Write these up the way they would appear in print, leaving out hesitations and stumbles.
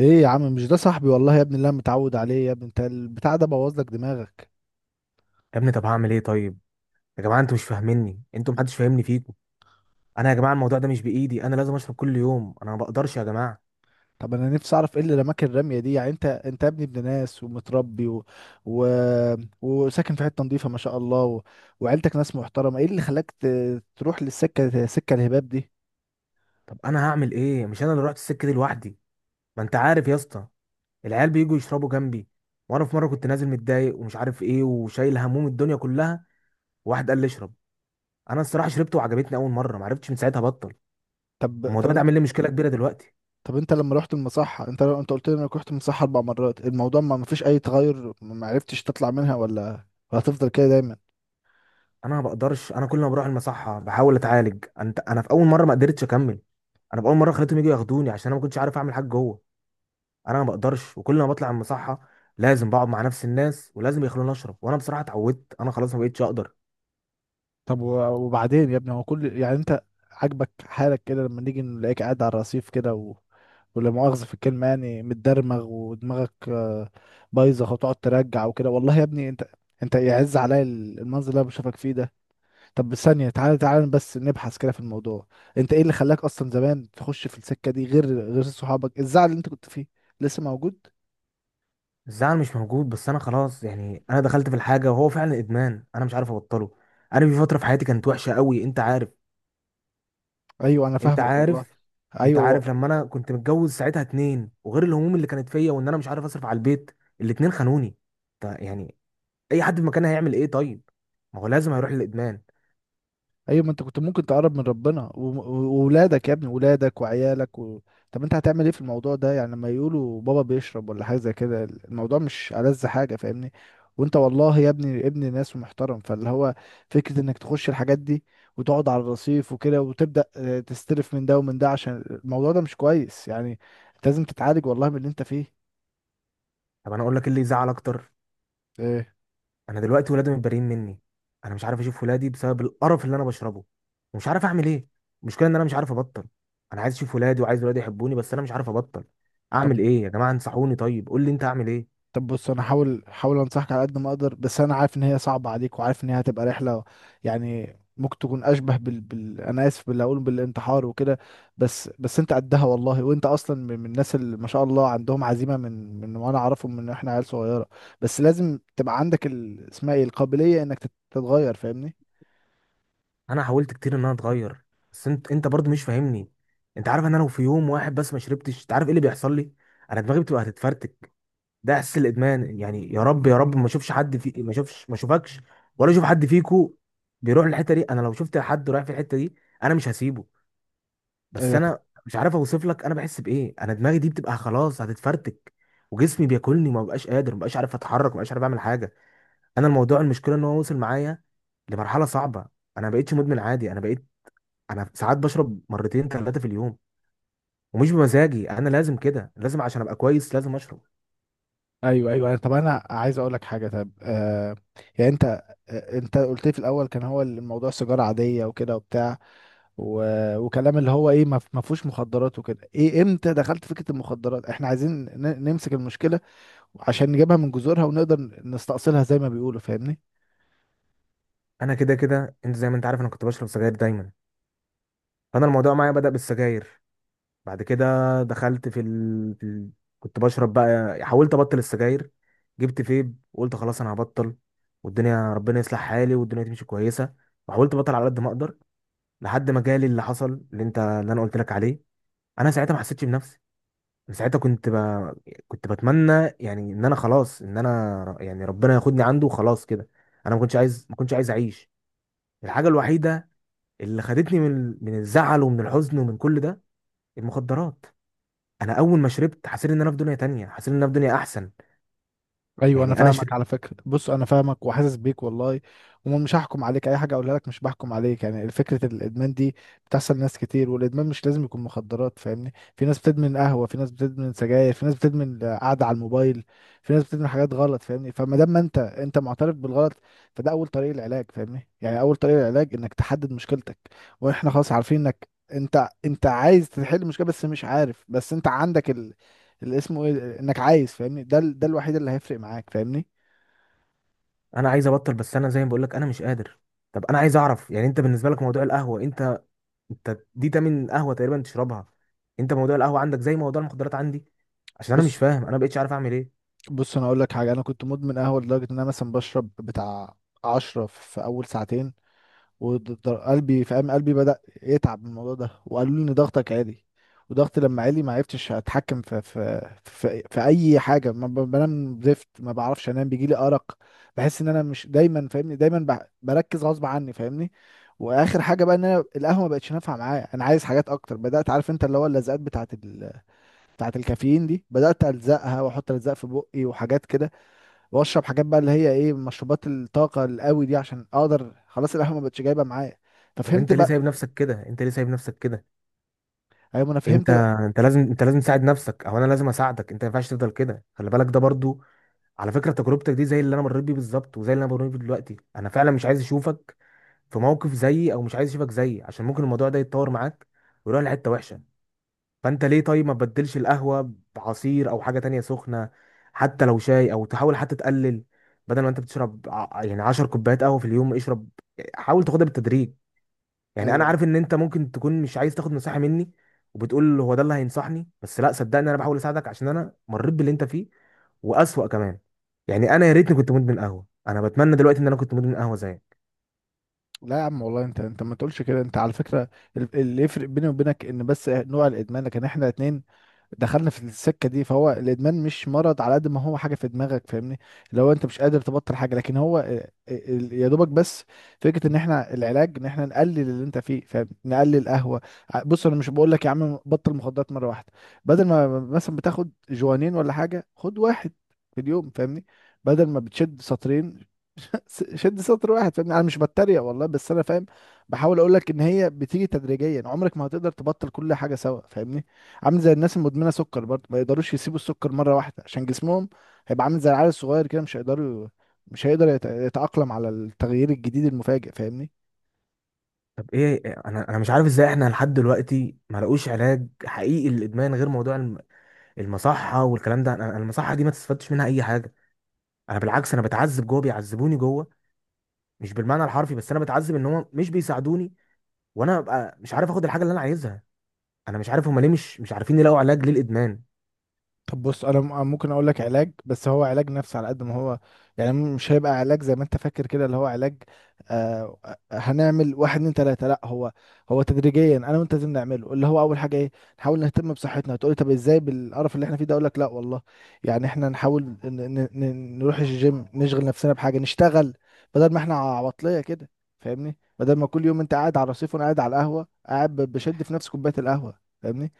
ايه يا عم! مش ده صاحبي والله يا ابني اللي انا متعود عليه؟ يا ابني انت البتاع ده بوظ لك دماغك. يا ابني، طب هعمل ايه طيب؟ يا جماعه انتوا مش فاهميني، انتوا محدش فاهمني فيكم. انا يا جماعه الموضوع ده مش بايدي، انا لازم اشرب كل يوم، انا ما بقدرش يا جماعه. طب انا نفسي اعرف ايه اللي رماك الرميه دي؟ يعني انت يا ابني ابن ناس ومتربي و... وساكن في حته نظيفه ما شاء الله وعيلتك ناس محترمه، ايه اللي خلاك تروح سكه الهباب دي؟ طب انا هعمل ايه؟ مش انا اللي رحت السكه دي لوحدي، ما انت عارف يا اسطى. العيال بييجوا يشربوا جنبي، وانا في مره كنت نازل متضايق ومش عارف ايه، وشايل هموم الدنيا كلها، وواحد قال لي اشرب. انا الصراحه شربت وعجبتني اول مره، ما عرفتش من ساعتها بطل. طب الموضوع طب ده انت عامل لي مشكله كبيره دلوقتي. طب انت لما رحت المصحه، انت قلت لي انك رحت المصحه اربع مرات، الموضوع ما فيش اي تغير، ما عرفتش تطلع منها؟ ولا هتفضل كده دايما؟ انا ما بقدرش، كل ما بروح المصحه بحاول اتعالج. انا في اول مره ما قدرتش اكمل، انا في اول مره خليتهم يجوا ياخدوني عشان انا ما كنتش عارف اعمل حاجه جوه. انا ما بقدرش، وكل ما بطلع من المصحه لازم بقعد مع نفس الناس، ولازم يخلوني اشرب، وانا بصراحه اتعودت، انا خلاص ما بقتش اقدر. طب وبعدين يا ابني، هو يعني انت عاجبك حالك كده لما نيجي نلاقيك قاعد على الرصيف كده ولا مؤاخذة في الكلمة يعني متدرمغ، ودماغك بايظة، وتقعد ترجع وكده. والله يا ابني، انت يعز عليا المنظر اللي انا بشوفك فيه ده. طب، ثانية، تعالى تعالى بس نبحث كده في الموضوع. انت ايه اللي خلاك اصلا زمان تخش في السكة دي غير صحابك؟ الزعل اللي انت كنت فيه لسه موجود؟ الزعل مش موجود، بس انا خلاص يعني انا دخلت في الحاجه وهو فعلا ادمان، انا مش عارف ابطله. انا في فتره في حياتي كانت وحشه قوي، انت عارف. ايوه انا انت فاهمك والله. عارف انت ايوه. عارف لما انا كنت متجوز ساعتها اتنين، وغير الهموم اللي كانت فيا، وان انا مش عارف اصرف على البيت، الاتنين خانوني. طيب يعني اي حد في مكاني هيعمل ايه طيب؟ ما هو لازم هيروح للادمان. ايوه، ما انت كنت ممكن تقرب من ربنا وولادك يا ابني، ولادك وعيالك طب انت هتعمل ايه في الموضوع ده؟ يعني لما يقولوا بابا بيشرب ولا حاجه زي كده، الموضوع مش ألذ حاجه فاهمني. وانت والله يا ابني ابن ناس ومحترم، فاللي هو، فكره انك تخش الحاجات دي وتقعد على الرصيف وكده، وتبدا تستلف من ده ومن ده، عشان الموضوع ده مش كويس يعني. انت لازم تتعالج والله من اللي انت فيه. طب انا اقول لك إيه اللي يزعل اكتر؟ ايه؟ انا دلوقتي ولادي متبريين مني، انا مش عارف اشوف ولادي بسبب القرف اللي انا بشربه، ومش عارف اعمل ايه. المشكله ان انا مش عارف ابطل، انا عايز اشوف ولادي، وعايز ولادي يحبوني، بس انا مش عارف ابطل. طب اعمل ايه يا جماعه؟ انصحوني، طيب قول لي انت اعمل ايه. طب بص، انا هحاول انصحك على قد ما اقدر، بس انا عارف ان هي صعبه عليك، وعارف ان هي هتبقى رحله. يعني ممكن تكون اشبه انا اسف، باللي اقول بالانتحار وكده. بس انت قدها والله، وانت اصلا من الناس اللي ما شاء الله عندهم عزيمه من من وانا اعرفهم من احنا عيال صغيره. بس لازم تبقى عندك اسمها ايه، القابليه انك تتغير فاهمني. انا حاولت كتير ان انا اتغير، بس انت برضو مش فاهمني. انت عارف ان انا لو في يوم واحد بس ما شربتش، انت عارف ايه اللي بيحصل لي؟ انا دماغي بتبقى هتتفرتك، ده احساس الادمان يعني. يا رب يا رب ما اشوفش، ما اشوفكش ولا اشوف حد فيكو بيروح للحته دي. انا لو شفت حد رايح في الحته دي انا مش هسيبه. بس ايوه. انا مش عارف اوصف لك انا بحس بايه، انا دماغي دي بتبقى خلاص هتتفرتك، وجسمي بياكلني، وما بقاش قادر، ما بقاش عارف اتحرك، ما بقاش عارف اعمل حاجه. انا الموضوع المشكله ان هو وصل معايا لمرحله صعبه. انا ما بقتش مدمن عادي، انا بقيت، انا ساعات بشرب مرتين ثلاثه في اليوم، ومش بمزاجي، انا لازم كده، لازم عشان ابقى كويس لازم اشرب. ايوه. ايوه. طب انا عايز اقول لك حاجه. طب يعني انت قلت لي في الاول كان هو الموضوع سيجاره عاديه وكده وبتاع و... وكلام، اللي هو ايه، ما فيهوش مخدرات وكده. ايه امتى دخلت فكرة المخدرات؟ احنا عايزين نمسك المشكلة عشان نجيبها من جذورها، ونقدر نستأصلها زي ما بيقولوا فاهمني. انا كده كده انت زي ما انت عارف انا كنت بشرب سجاير دايما، فانا الموضوع معايا بدأ بالسجاير. بعد كده دخلت كنت بشرب بقى، حاولت ابطل السجاير، جبت فيب وقلت خلاص انا هبطل، والدنيا ربنا يصلح حالي والدنيا تمشي كويسه، وحاولت ابطل على قد ما اقدر. لحد ما جالي اللي حصل، اللي انا قلت لك عليه. انا ساعتها ما حسيتش بنفسي، أنا ساعتها كنت بتمنى يعني ان انا خلاص، يعني ربنا ياخدني عنده وخلاص كده. انا ما كنتش عايز ما كنتش عايز اعيش. الحاجه الوحيده اللي خدتني من الزعل ومن الحزن ومن كل ده، المخدرات. انا اول ما شربت حسيت ان انا في دنيا تانية، حسيت ان انا في دنيا احسن. ايوه انا يعني انا فاهمك شربت. على فكره. بص انا فاهمك وحاسس بيك والله، ومش هحكم عليك، اي حاجه اقولها لك مش بحكم عليك. يعني فكره الادمان دي بتحصل ناس كتير، والادمان مش لازم يكون مخدرات فاهمني. في ناس بتدمن قهوه، في ناس بتدمن سجاير، في ناس بتدمن قعده على الموبايل، في ناس بتدمن حاجات غلط فاهمني. فما دام ما انت معترف بالغلط، فده اول طريق العلاج فاهمني. يعني اول طريق العلاج انك تحدد مشكلتك. واحنا خلاص عارفين انك انت عايز تحل المشكله، بس مش عارف. بس انت عندك اللي اسمه ايه، انك عايز، فاهمني؟ ده ده الوحيد اللي هيفرق معاك فاهمني. انا عايز ابطل، بس انا زي ما بقول لك انا مش قادر. طب انا عايز اعرف يعني انت بالنسبه لك موضوع القهوه، انت دي تمن قهوه تقريبا تشربها. انت موضوع القهوه عندك زي موضوع المخدرات عندي، عشان انا مش بص فاهم، انا ما بقتش عارف اعمل ايه. بص انا اقول لك حاجه. انا كنت مدمن قهوه لدرجه ان انا مثلا بشرب بتاع 10 في اول ساعتين. وقلبي، فاهم، قلبي بدأ يتعب من الموضوع ده، وقالوا لي ان ضغطك عالي. وضغطي لما عالي ما عرفتش اتحكم في اي حاجه. ما بنام زفت، ما بعرفش انام، بيجي لي ارق. بحس ان انا مش دايما فاهمني، دايما بركز غصب عني فاهمني. واخر حاجه بقى، ان انا القهوه ما بقتش نافعه معايا، انا عايز حاجات اكتر. بدات، عارف انت، اللي هو اللزقات بتاعه الكافيين دي، بدات الزقها واحط الزق في بقي وحاجات كده. واشرب حاجات بقى اللي هي ايه، مشروبات الطاقه القوي دي، عشان اقدر، خلاص القهوه ما بقتش جايبه معايا. طب ففهمت انت ليه بقى. سايب نفسك كده انت ليه سايب نفسك كده؟ ايوه انا انت فهمت بقى. انت لازم تساعد نفسك، او انا لازم اساعدك، انت ما ينفعش تفضل كده. خلي بالك ده برضو على فكره تجربتك دي زي اللي انا مريت بيه بالظبط، وزي اللي انا مريت بيه دلوقتي. انا فعلا مش عايز اشوفك في موقف زيي، او مش عايز يشوفك زيي، عشان ممكن الموضوع ده يتطور معاك ويروح لحته وحشه. فانت ليه طيب ما تبدلش القهوه بعصير او حاجه تانية سخنه؟ حتى لو شاي، او تحاول حتى تقلل. بدل ما انت بتشرب يعني 10 كوبايات قهوه في اليوم، اشرب، حاول تاخدها بالتدريج. يعني انا ايوه. عارف ان انت ممكن تكون مش عايز تاخد نصيحه مني، وبتقول هو ده اللي هينصحني، بس لا صدقني انا بحاول اساعدك عشان انا مريت باللي انت فيه، واسوأ كمان. يعني انا يا ريتني كنت مدمن قهوه، انا بتمنى دلوقتي ان انا كنت مدمن قهوه زيك. لا يا عم والله، انت ما تقولش كده. انت على فكره اللي يفرق بيني وبينك ان بس نوع الادمان، لكن احنا اتنين دخلنا في السكه دي. فهو الادمان مش مرض، على قد ما هو حاجه في دماغك فاهمني. لو انت مش قادر تبطل حاجه، لكن هو يا دوبك بس فكره ان احنا العلاج ان احنا نقلل اللي انت فيه، فاهم؟ نقلل قهوه. بص انا مش بقول لك يا عم بطل مخدرات مره واحده. بدل ما مثلا بتاخد جوانين ولا حاجه، خد واحد في اليوم فاهمني. بدل ما بتشد سطرين، شد سطر واحد فاهمني. انا مش بتريق والله، بس انا فاهم، بحاول اقول لك ان هي بتيجي تدريجيا، عمرك ما هتقدر تبطل كل حاجه سوا فاهمني. عامل زي الناس المدمنه سكر برضه، ما يقدروش يسيبوا السكر مره واحده، عشان جسمهم هيبقى عامل زي العيال الصغير كده، مش هيقدر يتأقلم على التغيير الجديد المفاجئ فاهمني. طب ايه، انا مش عارف ازاي احنا لحد دلوقتي ما لقوش علاج حقيقي للادمان غير موضوع المصحه والكلام ده. انا المصحه دي ما تستفادش منها اي حاجه، انا بالعكس، انا بتعذب جوه، بيعذبوني جوه، مش بالمعنى الحرفي، بس انا بتعذب ان هم مش بيساعدوني، وانا ببقى مش عارف اخد الحاجه اللي انا عايزها. انا مش عارف هم ليه مش عارفين يلاقوا علاج للادمان. طب بص، انا ممكن اقول لك علاج، بس هو علاج نفسي على قد ما هو. يعني مش هيبقى علاج زي ما انت فاكر كده اللي هو علاج، آه هنعمل واحد اتنين تلاته، لا. هو تدريجيا انا وانت لازم نعمله. اللي هو اول حاجه ايه؟ نحاول نهتم بصحتنا. هتقولي طب ازاي بالقرف اللي احنا فيه ده؟ اقول لك لا والله. يعني احنا نحاول نروح الجيم، نشغل نفسنا بحاجه، نشتغل، بدل ما احنا عواطليه كده فاهمني. بدل ما كل يوم انت قاعد على الرصيف وانا قاعد على القهوه، قاعد بشد في نفس كوبايه القهوه فاهمني.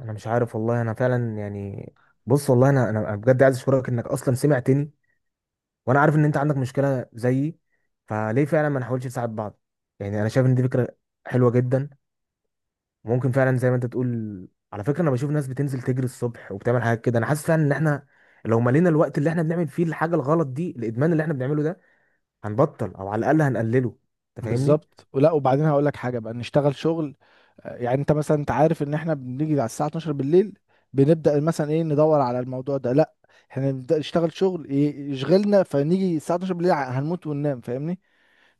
انا مش عارف والله، انا فعلا يعني، بص والله انا بجد عايز اشكرك انك اصلا سمعتني، وانا عارف ان انت عندك مشكله زيي، فليه فعلا ما نحاولش نساعد بعض؟ يعني انا شايف ان دي فكره حلوه جدا. ممكن فعلا زي ما انت تقول، على فكره انا بشوف ناس بتنزل تجري الصبح وبتعمل حاجات كده، انا حاسس فعلا ان احنا لو ملينا الوقت اللي احنا بنعمل فيه الحاجه الغلط دي، الادمان اللي احنا بنعمله ده، هنبطل او على الاقل هنقلله، انت فاهمني. بالظبط. ولا وبعدين هقول لك حاجه بقى، نشتغل شغل يعني انت مثلا، انت عارف ان احنا بنيجي على الساعه 12 بالليل، بنبدا مثلا ايه، ندور على الموضوع ده، لا. احنا نبدا نشتغل شغل يشغلنا، فنيجي الساعه 12 بالليل، هنموت وننام فاهمني.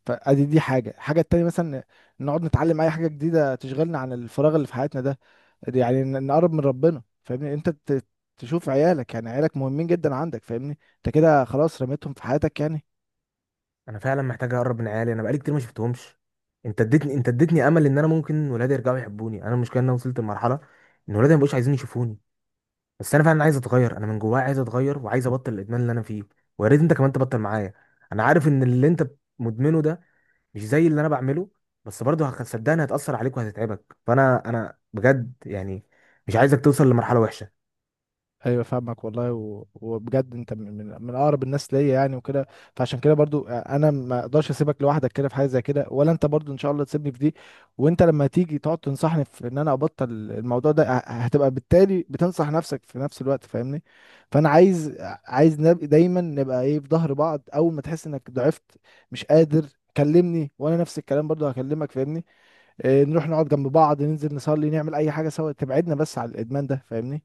فادي دي حاجه. الحاجه التانيه مثلا، نقعد نتعلم اي حاجه جديده تشغلنا عن الفراغ اللي في حياتنا ده. دي يعني نقرب من ربنا فاهمني. انت تشوف عيالك، يعني عيالك مهمين جدا عندك فاهمني، انت كده خلاص رميتهم في حياتك يعني. انا فعلا محتاج اقرب من عيالي، انا بقالي كتير ما شفتهمش. انت اديتني امل ان انا ممكن ولادي يرجعوا يحبوني. انا المشكله ان انا وصلت لمرحله ان ولادي ما بقوش عايزين يشوفوني، بس انا فعلا عايز اتغير، انا من جوايا عايز اتغير، وعايز ابطل الادمان اللي انا فيه. ويا ريت انت كمان تبطل معايا، انا عارف ان اللي انت مدمنه ده مش زي اللي انا بعمله، بس برضه صدقني هتأثر عليك وهتتعبك، فانا انا بجد يعني مش عايزك توصل لمرحلة وحشة. ايوه فاهمك والله وبجد انت من اقرب الناس ليا يعني وكده. فعشان كده برضو انا ما اقدرش اسيبك لوحدك كده في حاجه زي كده، ولا انت برضو ان شاء الله تسيبني في دي. وانت لما تيجي تقعد تنصحني في ان انا ابطل الموضوع ده، هتبقى بالتالي بتنصح نفسك في نفس الوقت فاهمني. فانا عايز، نبقى دايما، نبقى ايه، في ظهر بعض. اول ما تحس انك ضعفت، مش قادر، كلمني. وانا نفس الكلام برضو هكلمك فاهمني. إيه، نروح نقعد جنب بعض، ننزل نصلي، نعمل اي حاجه سوا تبعدنا بس على الادمان ده فاهمني.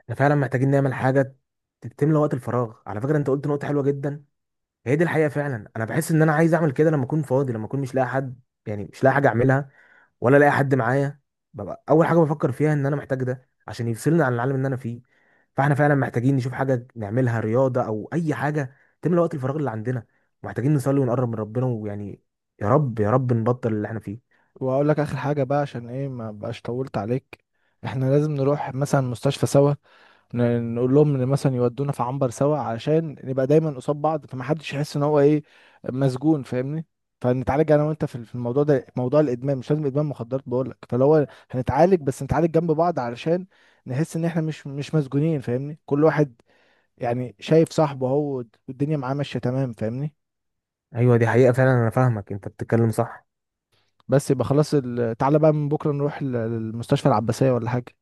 احنا فعلا محتاجين نعمل حاجة تملى وقت الفراغ. على فكرة انت قلت نقطة حلوة جدا، هي دي الحقيقة فعلا. انا بحس ان انا عايز اعمل كده لما اكون فاضي، لما اكون مش لاقي حد، يعني مش لاقي حاجة اعملها ولا الاقي حد معايا، ببقى اول حاجه بفكر فيها ان انا محتاج ده عشان يفصلني عن العالم اللي انا فيه. فاحنا فعلا محتاجين نشوف حاجه نعملها، رياضه او اي حاجه تملى وقت الفراغ اللي عندنا، محتاجين نصلي ونقرب من ربنا، ويعني يا رب يا رب نبطل اللي احنا فيه. واقول لك اخر حاجه بقى عشان ايه ما بقاش طولت عليك. احنا لازم نروح مثلا مستشفى سوا، نقول لهم ان مثلا يودونا في عنبر سوا، عشان نبقى دايما قصاد بعض، فمحدش يحس ان هو ايه، مسجون فاهمني. فنتعالج انا وانت في الموضوع ده، موضوع الادمان. مش لازم ادمان مخدرات بقول لك، فلو هو هنتعالج، بس نتعالج جنب بعض، علشان نحس ان احنا مش مسجونين فاهمني، كل واحد يعني شايف صاحبه، هو والدنيا معاه ماشيه تمام فاهمني. ايوه دي حقيقه فعلا، انا فاهمك، انت بتتكلم صح. بس يبقى خلاص تعالى بقى من بكره نروح للمستشفى العباسيه ولا حاجه.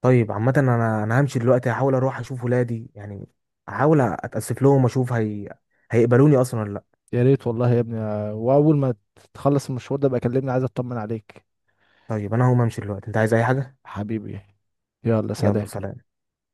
طيب عامه انا همشي دلوقتي، هحاول اروح اشوف ولادي يعني، احاول اتاسف لهم واشوف هيقبلوني اصلا ولا لا. يا ريت والله يا ابني. واول ما تخلص المشوار ده بقى كلمني، عايز اطمن عليك. طيب انا هقوم امشي دلوقتي، انت عايز اي حاجه؟ حبيبي، يلا يلا سلام. سلام.